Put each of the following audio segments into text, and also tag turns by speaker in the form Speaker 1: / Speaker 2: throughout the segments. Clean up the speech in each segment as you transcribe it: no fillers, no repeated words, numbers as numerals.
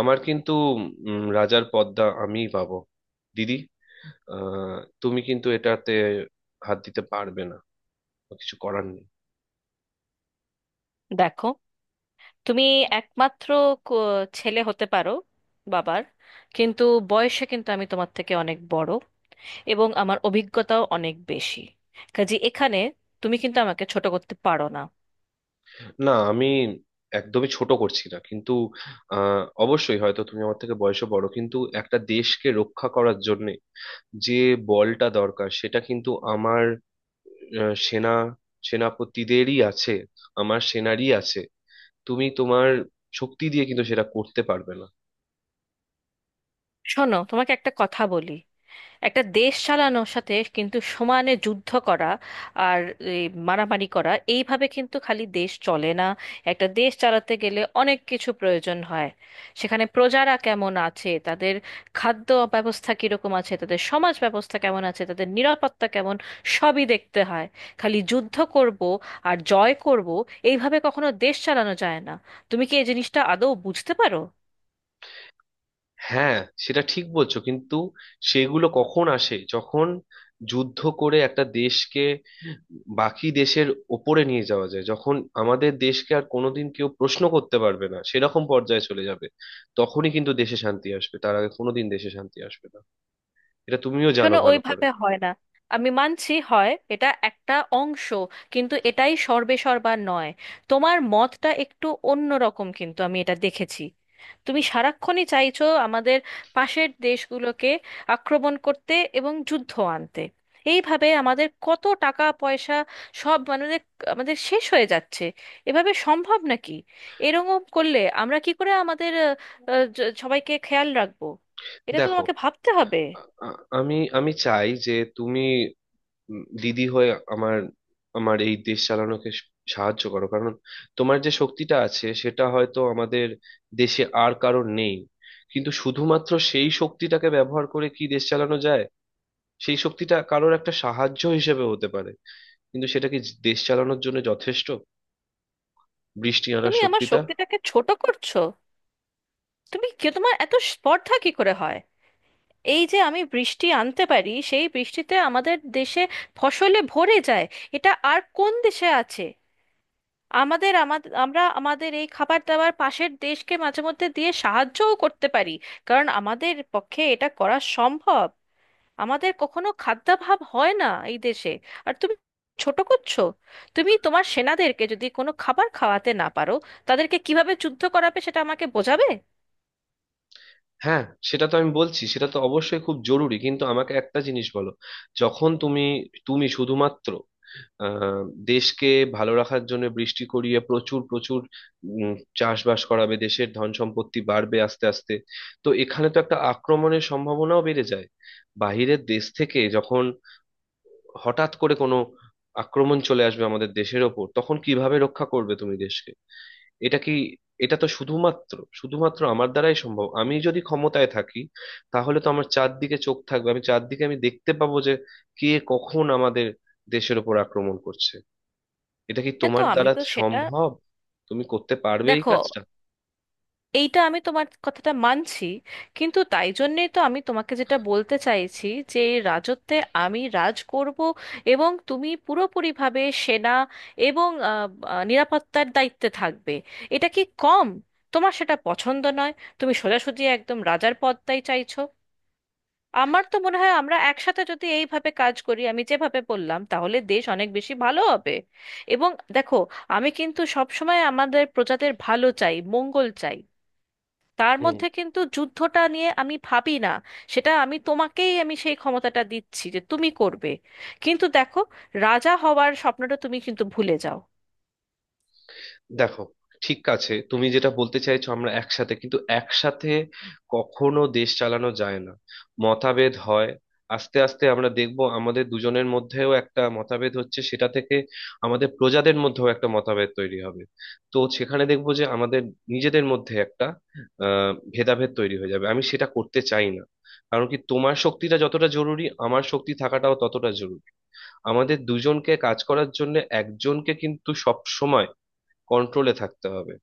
Speaker 1: আমার কিন্তু রাজার পদটা আমিই পাবো, দিদি। আহ, তুমি কিন্তু এটাতে হাত দিতে পারবে না। কিছু করার নেই।
Speaker 2: দেখো, তুমি একমাত্র ক- ছেলে হতে পারো বাবার, কিন্তু বয়সে কিন্তু আমি তোমার থেকে অনেক বড় এবং আমার অভিজ্ঞতাও অনেক বেশি। কাজে এখানে তুমি কিন্তু আমাকে ছোট করতে পারো না।
Speaker 1: না, আমি একদমই ছোট করছি না কিন্তু অবশ্যই হয়তো তুমি আমার থেকে বয়সে বড়, কিন্তু একটা দেশকে রক্ষা করার জন্য যে বলটা দরকার, সেটা কিন্তু আমার আহ, সেনা সেনাপতিদেরই আছে। আমার সেনারই আছে। তুমি তোমার শক্তি দিয়ে কিন্তু সেটা করতে পারবে না।
Speaker 2: শোনো, তোমাকে একটা কথা বলি। একটা দেশ চালানোর সাথে কিন্তু সমানে যুদ্ধ করা আর এই মারামারি করা, এইভাবে কিন্তু খালি দেশ চলে না। একটা দেশ চালাতে গেলে অনেক কিছু প্রয়োজন হয়। সেখানে প্রজারা কেমন আছে, তাদের খাদ্য ব্যবস্থা কিরকম আছে, তাদের সমাজ ব্যবস্থা কেমন আছে, তাদের নিরাপত্তা কেমন, সবই দেখতে হয়। খালি যুদ্ধ করব আর জয় করব, এইভাবে কখনো দেশ চালানো যায় না। তুমি কি এই জিনিসটা আদৌ বুঝতে পারো?
Speaker 1: হ্যাঁ, সেটা ঠিক বলছো কিন্তু সেগুলো কখন আসে? যখন যুদ্ধ করে একটা দেশকে বাকি দেশের ওপরে নিয়ে যাওয়া যায়, যখন আমাদের দেশকে আর কোনোদিন কেউ প্রশ্ন করতে পারবে না সেরকম পর্যায়ে চলে যাবে, তখনই কিন্তু দেশে শান্তি আসবে। তার আগে কোনোদিন দেশে শান্তি আসবে না। এটা তুমিও জানো
Speaker 2: শোনো,
Speaker 1: ভালো করে।
Speaker 2: ওইভাবে হয় না। আমি মানছি, হয় এটা একটা অংশ, কিন্তু এটাই সর্বেসর্বা নয়। তোমার মতটা একটু অন্য রকম, কিন্তু আমি এটা দেখেছি তুমি সারাক্ষণই চাইছো আমাদের পাশের দেশগুলোকে আক্রমণ করতে এবং যুদ্ধ আনতে। এইভাবে আমাদের কত টাকা পয়সা, সব মানে আমাদের শেষ হয়ে যাচ্ছে। এভাবে সম্ভব নাকি? এরকম করলে আমরা কি করে আমাদের আহ, আহ, জ- সবাইকে খেয়াল রাখবো? এটা তো
Speaker 1: দেখো,
Speaker 2: তোমাকে ভাবতে হবে।
Speaker 1: আ- আ- আমি আমি চাই যে তুমি দিদি হয়ে আমার আমার এই দেশ চালানোকে সাহায্য করো, কারণ তোমার যে শক্তিটা আছে সেটা হয়তো আমাদের দেশে আর কারোর নেই। কিন্তু শুধুমাত্র সেই শক্তিটাকে ব্যবহার করে কি দেশ চালানো যায়? সেই শক্তিটা কারোর একটা সাহায্য হিসেবে হতে পারে, কিন্তু সেটা কি দেশ চালানোর জন্য যথেষ্ট? বৃষ্টি আনার
Speaker 2: তুমি আমার
Speaker 1: শক্তিটা?
Speaker 2: শক্তিটাকে ছোট করছো। তুমি কি, তোমার এত স্পর্ধা কি করে হয়! এই যে আমি বৃষ্টি আনতে পারি, সেই বৃষ্টিতে আমাদের দেশে ফসলে ভরে যায়। এটা আর কোন দেশে আছে? আমাদের আমাদের আমরা আমাদের এই খাবার দাবার পাশের দেশকে মাঝে মধ্যে দিয়ে সাহায্যও করতে পারি, কারণ আমাদের পক্ষে এটা করা সম্ভব। আমাদের কখনো খাদ্যাভাব হয় না এই দেশে। আর তুমি ছোট করছো। তুমি তোমার সেনাদেরকে যদি কোনো খাবার খাওয়াতে না পারো, তাদেরকে কিভাবে যুদ্ধ করাবে সেটা আমাকে বোঝাবে।
Speaker 1: হ্যাঁ, সেটা তো আমি বলছি, সেটা তো অবশ্যই খুব জরুরি, কিন্তু আমাকে একটা জিনিস বলো। যখন তুমি তুমি শুধুমাত্র আহ দেশকে ভালো রাখার জন্য বৃষ্টি করিয়ে প্রচুর প্রচুর উম, চাষবাস করাবে, দেশের ধন সম্পত্তি বাড়বে আস্তে আস্তে। তো এখানে তো একটা আক্রমণের সম্ভাবনাও বেড়ে যায়। বাইরের দেশ থেকে যখন হঠাৎ করে কোনো আক্রমণ চলে আসবে আমাদের দেশের ওপর, তখন কিভাবে রক্ষা করবে তুমি দেশকে? এটা কি এটা তো শুধুমাত্র, আমার দ্বারাই সম্ভব। আমি যদি ক্ষমতায় থাকি, তাহলে তো আমার চারদিকে চোখ থাকবে। আমি চারদিকে দেখতে পাবো যে কে কখন আমাদের দেশের ওপর আক্রমণ করছে। এটা কি
Speaker 2: হ্যাঁ, তো
Speaker 1: তোমার
Speaker 2: আমি
Speaker 1: দ্বারা
Speaker 2: তো সেটা।
Speaker 1: সম্ভব? তুমি করতে পারবে এই
Speaker 2: দেখো,
Speaker 1: কাজটা?
Speaker 2: এইটা আমি তোমার কথাটা মানছি, কিন্তু তাই জন্যেই তো আমি তোমাকে যেটা বলতে চাইছি যে এই রাজত্বে আমি রাজ করব, এবং তুমি পুরোপুরিভাবে সেনা এবং আহ, আহ, নিরাপত্তার দায়িত্বে থাকবে। এটা কি কম? তোমার সেটা পছন্দ নয়? তুমি সোজাসুজি একদম রাজার পদটাই চাইছো। আমার তো মনে হয় আমরা একসাথে যদি এইভাবে কাজ করি, আমি যেভাবে বললাম, তাহলে দেশ অনেক বেশি ভালো হবে। এবং দেখো, আমি কিন্তু সবসময় আমাদের প্রজাদের ভালো চাই, মঙ্গল চাই। তার
Speaker 1: হুম।
Speaker 2: মধ্যে কিন্তু যুদ্ধটা নিয়ে আমি ভাবি না। সেটা আমি তোমাকেই আমি সেই ক্ষমতাটা দিচ্ছি যে তুমি করবে, কিন্তু দেখো, রাজা হওয়ার স্বপ্নটা তুমি কিন্তু ভুলে যাও।
Speaker 1: দেখো, ঠিক আছে, তুমি যেটা বলতে চাইছো আমরা একসাথে, কিন্তু একসাথে কখনো দেশ চালানো যায় না। মতভেদ হয়। আস্তে আস্তে আমরা দেখব আমাদের দুজনের মধ্যেও একটা মতভেদ হচ্ছে। সেটা থেকে আমাদের প্রজাদের মধ্যেও একটা মতভেদ তৈরি হবে। তো সেখানে দেখব যে আমাদের নিজেদের মধ্যে একটা ভেদাভেদ তৈরি হয়ে যাবে, আমি সেটা করতে চাই না। কারণ কি, তোমার শক্তিটা যতটা জরুরি আমার শক্তি থাকাটাও ততটা জরুরি। আমাদের দুজনকে কাজ করার জন্য একজনকে কিন্তু সব সময় কন্ট্রোলে থাকতে হবে।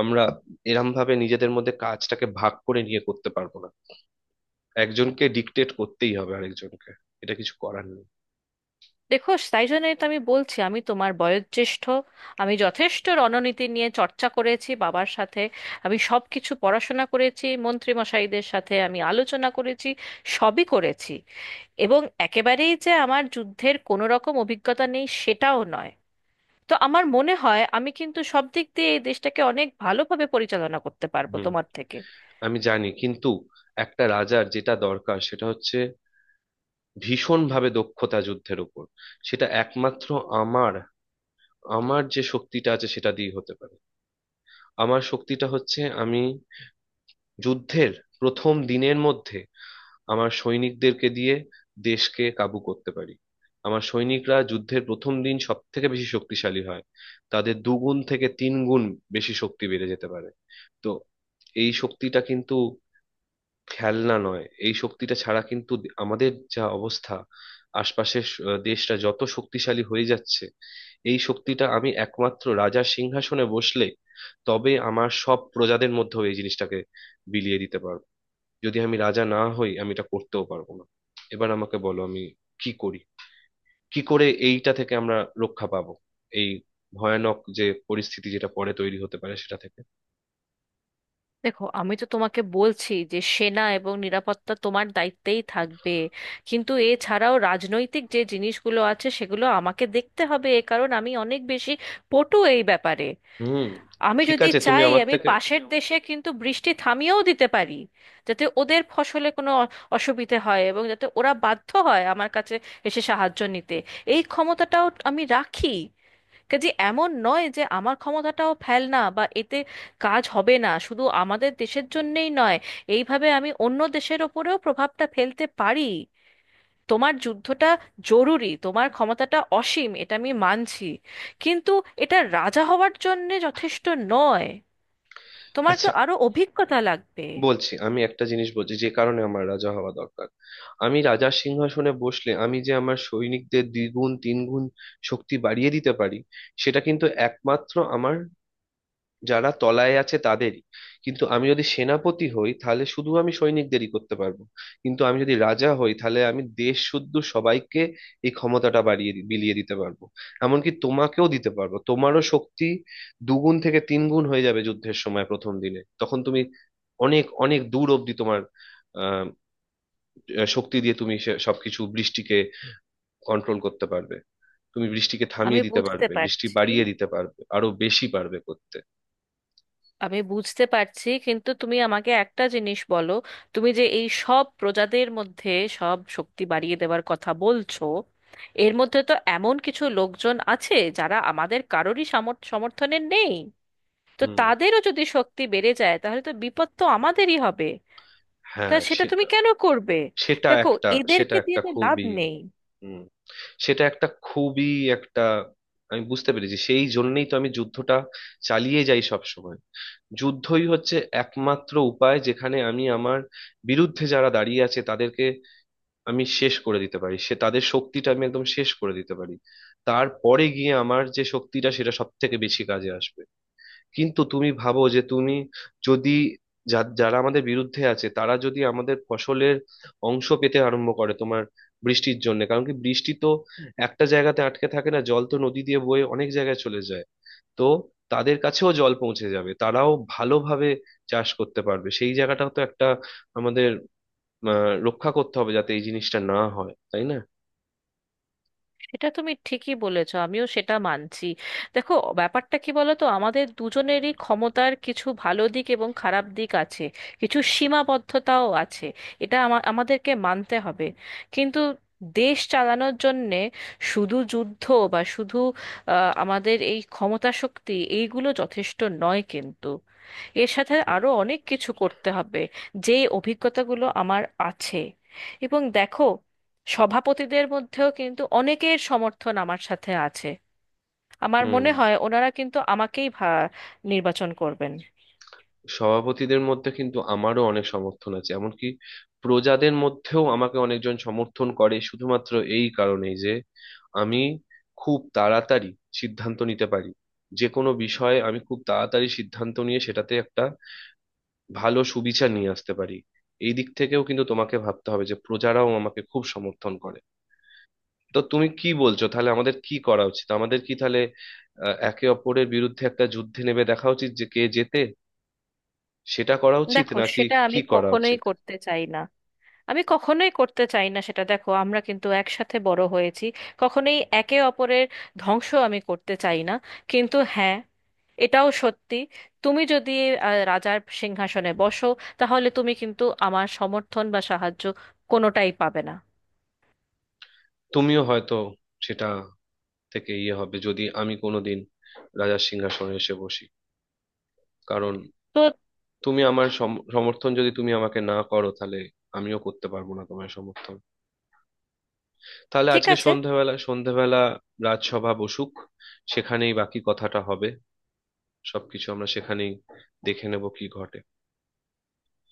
Speaker 1: আমরা এরম ভাবে নিজেদের মধ্যে কাজটাকে ভাগ করে নিয়ে করতে পারবো না। একজনকে ডিক্টেট করতেই হবে আরেকজনকে। এটা কিছু করার নেই।
Speaker 2: দেখো, তাই জন্যই তো আমি বলছি, আমি তোমার বয়োজ্যেষ্ঠ। আমি যথেষ্ট রণনীতি নিয়ে চর্চা করেছি বাবার সাথে, আমি সব কিছু পড়াশোনা করেছি, মন্ত্রীমশাইদের সাথে আমি আলোচনা করেছি, সবই করেছি। এবং একেবারেই যে আমার যুদ্ধের কোনো রকম অভিজ্ঞতা নেই সেটাও নয়। তো আমার মনে হয় আমি কিন্তু সব দিক দিয়ে এই দেশটাকে অনেক ভালোভাবে পরিচালনা করতে পারবো
Speaker 1: হুম।
Speaker 2: তোমার থেকে।
Speaker 1: আমি জানি কিন্তু একটা রাজার যেটা দরকার সেটা হচ্ছে ভীষণ ভাবে দক্ষতা যুদ্ধের উপর। সেটা একমাত্র আমার। আমার যে শক্তিটা আছে সেটা দিয়ে হতে পারে। আমার শক্তিটা হচ্ছে আমি যুদ্ধের প্রথম দিনের মধ্যে আমার সৈনিকদেরকে দিয়ে দেশকে কাবু করতে পারি। আমার সৈনিকরা যুদ্ধের প্রথম দিন সব থেকে বেশি শক্তিশালী হয়। তাদের দুগুণ থেকে তিন গুণ বেশি শক্তি বেড়ে যেতে পারে। তো এই শক্তিটা কিন্তু খেলনা নয়। এই শক্তিটা ছাড়া কিন্তু আমাদের যা অবস্থা, আশপাশের দেশটা যত শক্তিশালী হয়ে যাচ্ছে, এই শক্তিটা আমি একমাত্র রাজার সিংহাসনে বসলে তবে আমার সব প্রজাদের মধ্যেও এই জিনিসটাকে বিলিয়ে দিতে পারবো। যদি আমি রাজা না হই, আমি এটা করতেও পারবো না। এবার আমাকে বলো আমি কি করি? কি করে এইটা থেকে আমরা রক্ষা পাবো? এই ভয়ানক যে পরিস্থিতি যেটা পরে তৈরি হতে পারে সেটা থেকে?
Speaker 2: দেখো, আমি তো তোমাকে বলছি যে সেনা এবং নিরাপত্তা তোমার দায়িত্বেই থাকবে, কিন্তু এছাড়াও রাজনৈতিক যে জিনিসগুলো আছে, সেগুলো আমাকে দেখতে হবে, এ কারণ আমি অনেক বেশি পটু এই ব্যাপারে।
Speaker 1: হুম।
Speaker 2: আমি
Speaker 1: ঠিক
Speaker 2: যদি
Speaker 1: আছে, তুমি
Speaker 2: চাই
Speaker 1: আমার
Speaker 2: আমি
Speaker 1: থেকে।
Speaker 2: পাশের দেশে কিন্তু বৃষ্টি থামিয়েও দিতে পারি, যাতে ওদের ফসলে কোনো অসুবিধে হয় এবং যাতে ওরা বাধ্য হয় আমার কাছে এসে সাহায্য নিতে। এই ক্ষমতাটাও আমি রাখি। কাজে এমন নয় যে আমার ক্ষমতাটাও ফেল না বা এতে কাজ হবে না। শুধু আমাদের দেশের জন্যেই নয়, এইভাবে আমি অন্য দেশের ওপরেও প্রভাবটা ফেলতে পারি। তোমার যুদ্ধটা জরুরি, তোমার ক্ষমতাটা অসীম, এটা আমি মানছি, কিন্তু এটা রাজা হওয়ার জন্যে যথেষ্ট নয়। তোমার তো
Speaker 1: আচ্ছা,
Speaker 2: আরো অভিজ্ঞতা লাগবে।
Speaker 1: বলছি। আমি একটা জিনিস বলছি যে কারণে আমার রাজা হওয়া দরকার। আমি রাজার সিংহাসনে বসলে আমি যে আমার সৈনিকদের দ্বিগুণ তিনগুণ শক্তি বাড়িয়ে দিতে পারি, সেটা কিন্তু একমাত্র আমার যারা তলায় আছে তাদেরই। কিন্তু আমি যদি সেনাপতি হই তাহলে শুধু আমি সৈনিকদেরই করতে পারবো। কিন্তু আমি যদি রাজা হই তাহলে আমি দেশ শুদ্ধ সবাইকে এই ক্ষমতাটা বাড়িয়ে বিলিয়ে দিতে পারবো। এমনকি তোমাকেও দিতে পারবো, তোমারও শক্তি দুগুণ থেকে তিন গুণ হয়ে যাবে যুদ্ধের সময় প্রথম দিনে। তখন তুমি অনেক অনেক দূর অব্দি তোমার আহ শক্তি দিয়ে তুমি সবকিছু বৃষ্টিকে কন্ট্রোল করতে পারবে। তুমি বৃষ্টিকে
Speaker 2: আমি
Speaker 1: থামিয়ে দিতে
Speaker 2: বুঝতে
Speaker 1: পারবে, বৃষ্টি
Speaker 2: পারছি,
Speaker 1: বাড়িয়ে দিতে পারবে, আরো বেশি পারবে করতে।
Speaker 2: আমি বুঝতে পারছি, কিন্তু তুমি আমাকে একটা জিনিস বলো। তুমি যে এই সব প্রজাদের মধ্যে সব শক্তি বাড়িয়ে দেওয়ার কথা বলছো, এর মধ্যে তো এমন কিছু লোকজন আছে যারা আমাদের কারোরই সমর্থনের নেই। তো
Speaker 1: হুম।
Speaker 2: তাদেরও যদি শক্তি বেড়ে যায়, তাহলে তো বিপদ তো আমাদেরই হবে। তা
Speaker 1: হ্যাঁ,
Speaker 2: সেটা তুমি
Speaker 1: সেটা।
Speaker 2: কেন করবে?
Speaker 1: সেটা
Speaker 2: দেখো,
Speaker 1: একটা। সেটা
Speaker 2: এদেরকে দিয়ে
Speaker 1: একটা
Speaker 2: তো লাভ
Speaker 1: খুবই।
Speaker 2: নেই।
Speaker 1: হুম সেটা একটা খুবই একটা। আমি বুঝতে পেরেছি, সেই জন্যই তো আমি যুদ্ধটা চালিয়ে যাই সব সময়। যুদ্ধই হচ্ছে একমাত্র উপায় যেখানে আমি আমার বিরুদ্ধে যারা দাঁড়িয়ে আছে তাদেরকে আমি শেষ করে দিতে পারি। সে তাদের শক্তিটা আমি একদম শেষ করে দিতে পারি। তারপরে গিয়ে আমার যে শক্তিটা সেটা সব থেকে বেশি কাজে আসবে। কিন্তু তুমি ভাবো যে তুমি যদি যারা আমাদের বিরুদ্ধে আছে, তারা যদি আমাদের ফসলের অংশ পেতে আরম্ভ করে তোমার বৃষ্টির জন্য। কারণ কি, বৃষ্টি তো একটা জায়গাতে আটকে থাকে না, জল তো নদী দিয়ে বয়ে অনেক জায়গায় চলে যায়। তো তাদের কাছেও জল পৌঁছে যাবে, তারাও ভালোভাবে চাষ করতে পারবে। সেই জায়গাটাও তো একটা, আমাদের রক্ষা করতে হবে যাতে এই জিনিসটা না হয়, তাই না?
Speaker 2: এটা তুমি ঠিকই বলেছো, আমিও সেটা মানছি। দেখো, ব্যাপারটা কি বলো তো, আমাদের দুজনেরই ক্ষমতার কিছু ভালো দিক এবং খারাপ দিক আছে, কিছু সীমাবদ্ধতাও আছে। এটা আমাদেরকে মানতে হবে। কিন্তু দেশ চালানোর জন্যে শুধু যুদ্ধ বা শুধু আমাদের এই ক্ষমতা শক্তি, এইগুলো যথেষ্ট নয়। কিন্তু এর সাথে আরো অনেক কিছু করতে হবে, যেই অভিজ্ঞতাগুলো আমার আছে। এবং দেখো, সভাপতিদের মধ্যেও কিন্তু অনেকের সমর্থন আমার সাথে আছে। আমার
Speaker 1: হুম।
Speaker 2: মনে হয় ওনারা কিন্তু আমাকেই নির্বাচন করবেন।
Speaker 1: সভাপতিদের মধ্যে কিন্তু আমারও অনেক সমর্থন আছে, এমনকি প্রজাদের মধ্যেও আমাকে অনেকজন সমর্থন করে, শুধুমাত্র এই কারণেই যে আমি খুব তাড়াতাড়ি সিদ্ধান্ত নিতে পারি। যে কোনো বিষয়ে আমি খুব তাড়াতাড়ি সিদ্ধান্ত নিয়ে সেটাতে একটা ভালো সুবিচার নিয়ে আসতে পারি। এই দিক থেকেও কিন্তু তোমাকে ভাবতে হবে যে প্রজারাও আমাকে খুব সমর্থন করে। তো তুমি কি বলছো, তাহলে আমাদের কি করা উচিত? আমাদের কি তাহলে একে অপরের বিরুদ্ধে একটা যুদ্ধে নেমে দেখা উচিত যে কে জেতে? সেটা করা উচিত
Speaker 2: দেখো,
Speaker 1: নাকি?
Speaker 2: সেটা
Speaker 1: কি
Speaker 2: আমি
Speaker 1: করা
Speaker 2: কখনোই
Speaker 1: উচিত?
Speaker 2: করতে চাই না। আমি কখনোই করতে চাই না সেটা। দেখো, আমরা কিন্তু একসাথে বড় হয়েছি, কখনোই একে অপরের ধ্বংস আমি করতে চাই না। কিন্তু হ্যাঁ, এটাও সত্যি, তুমি যদি রাজার সিংহাসনে বসো, তাহলে তুমি কিন্তু আমার সমর্থন বা সাহায্য কোনোটাই পাবে না।
Speaker 1: তুমিও হয়তো সেটা থেকে ইয়ে হবে যদি আমি কোনোদিন রাজার সিংহাসনে এসে বসি। কারণ
Speaker 2: তো
Speaker 1: তুমি আমার সমর্থন যদি তুমি আমাকে না করো, তাহলে আমিও করতে পারবো না তোমার সমর্থন। তাহলে
Speaker 2: ঠিক
Speaker 1: আজকে
Speaker 2: আছে।
Speaker 1: সন্ধ্যাবেলা সন্ধ্যাবেলা রাজসভা বসুক, সেখানেই বাকি কথাটা হবে। সবকিছু আমরা সেখানেই দেখে নেব কি ঘটে।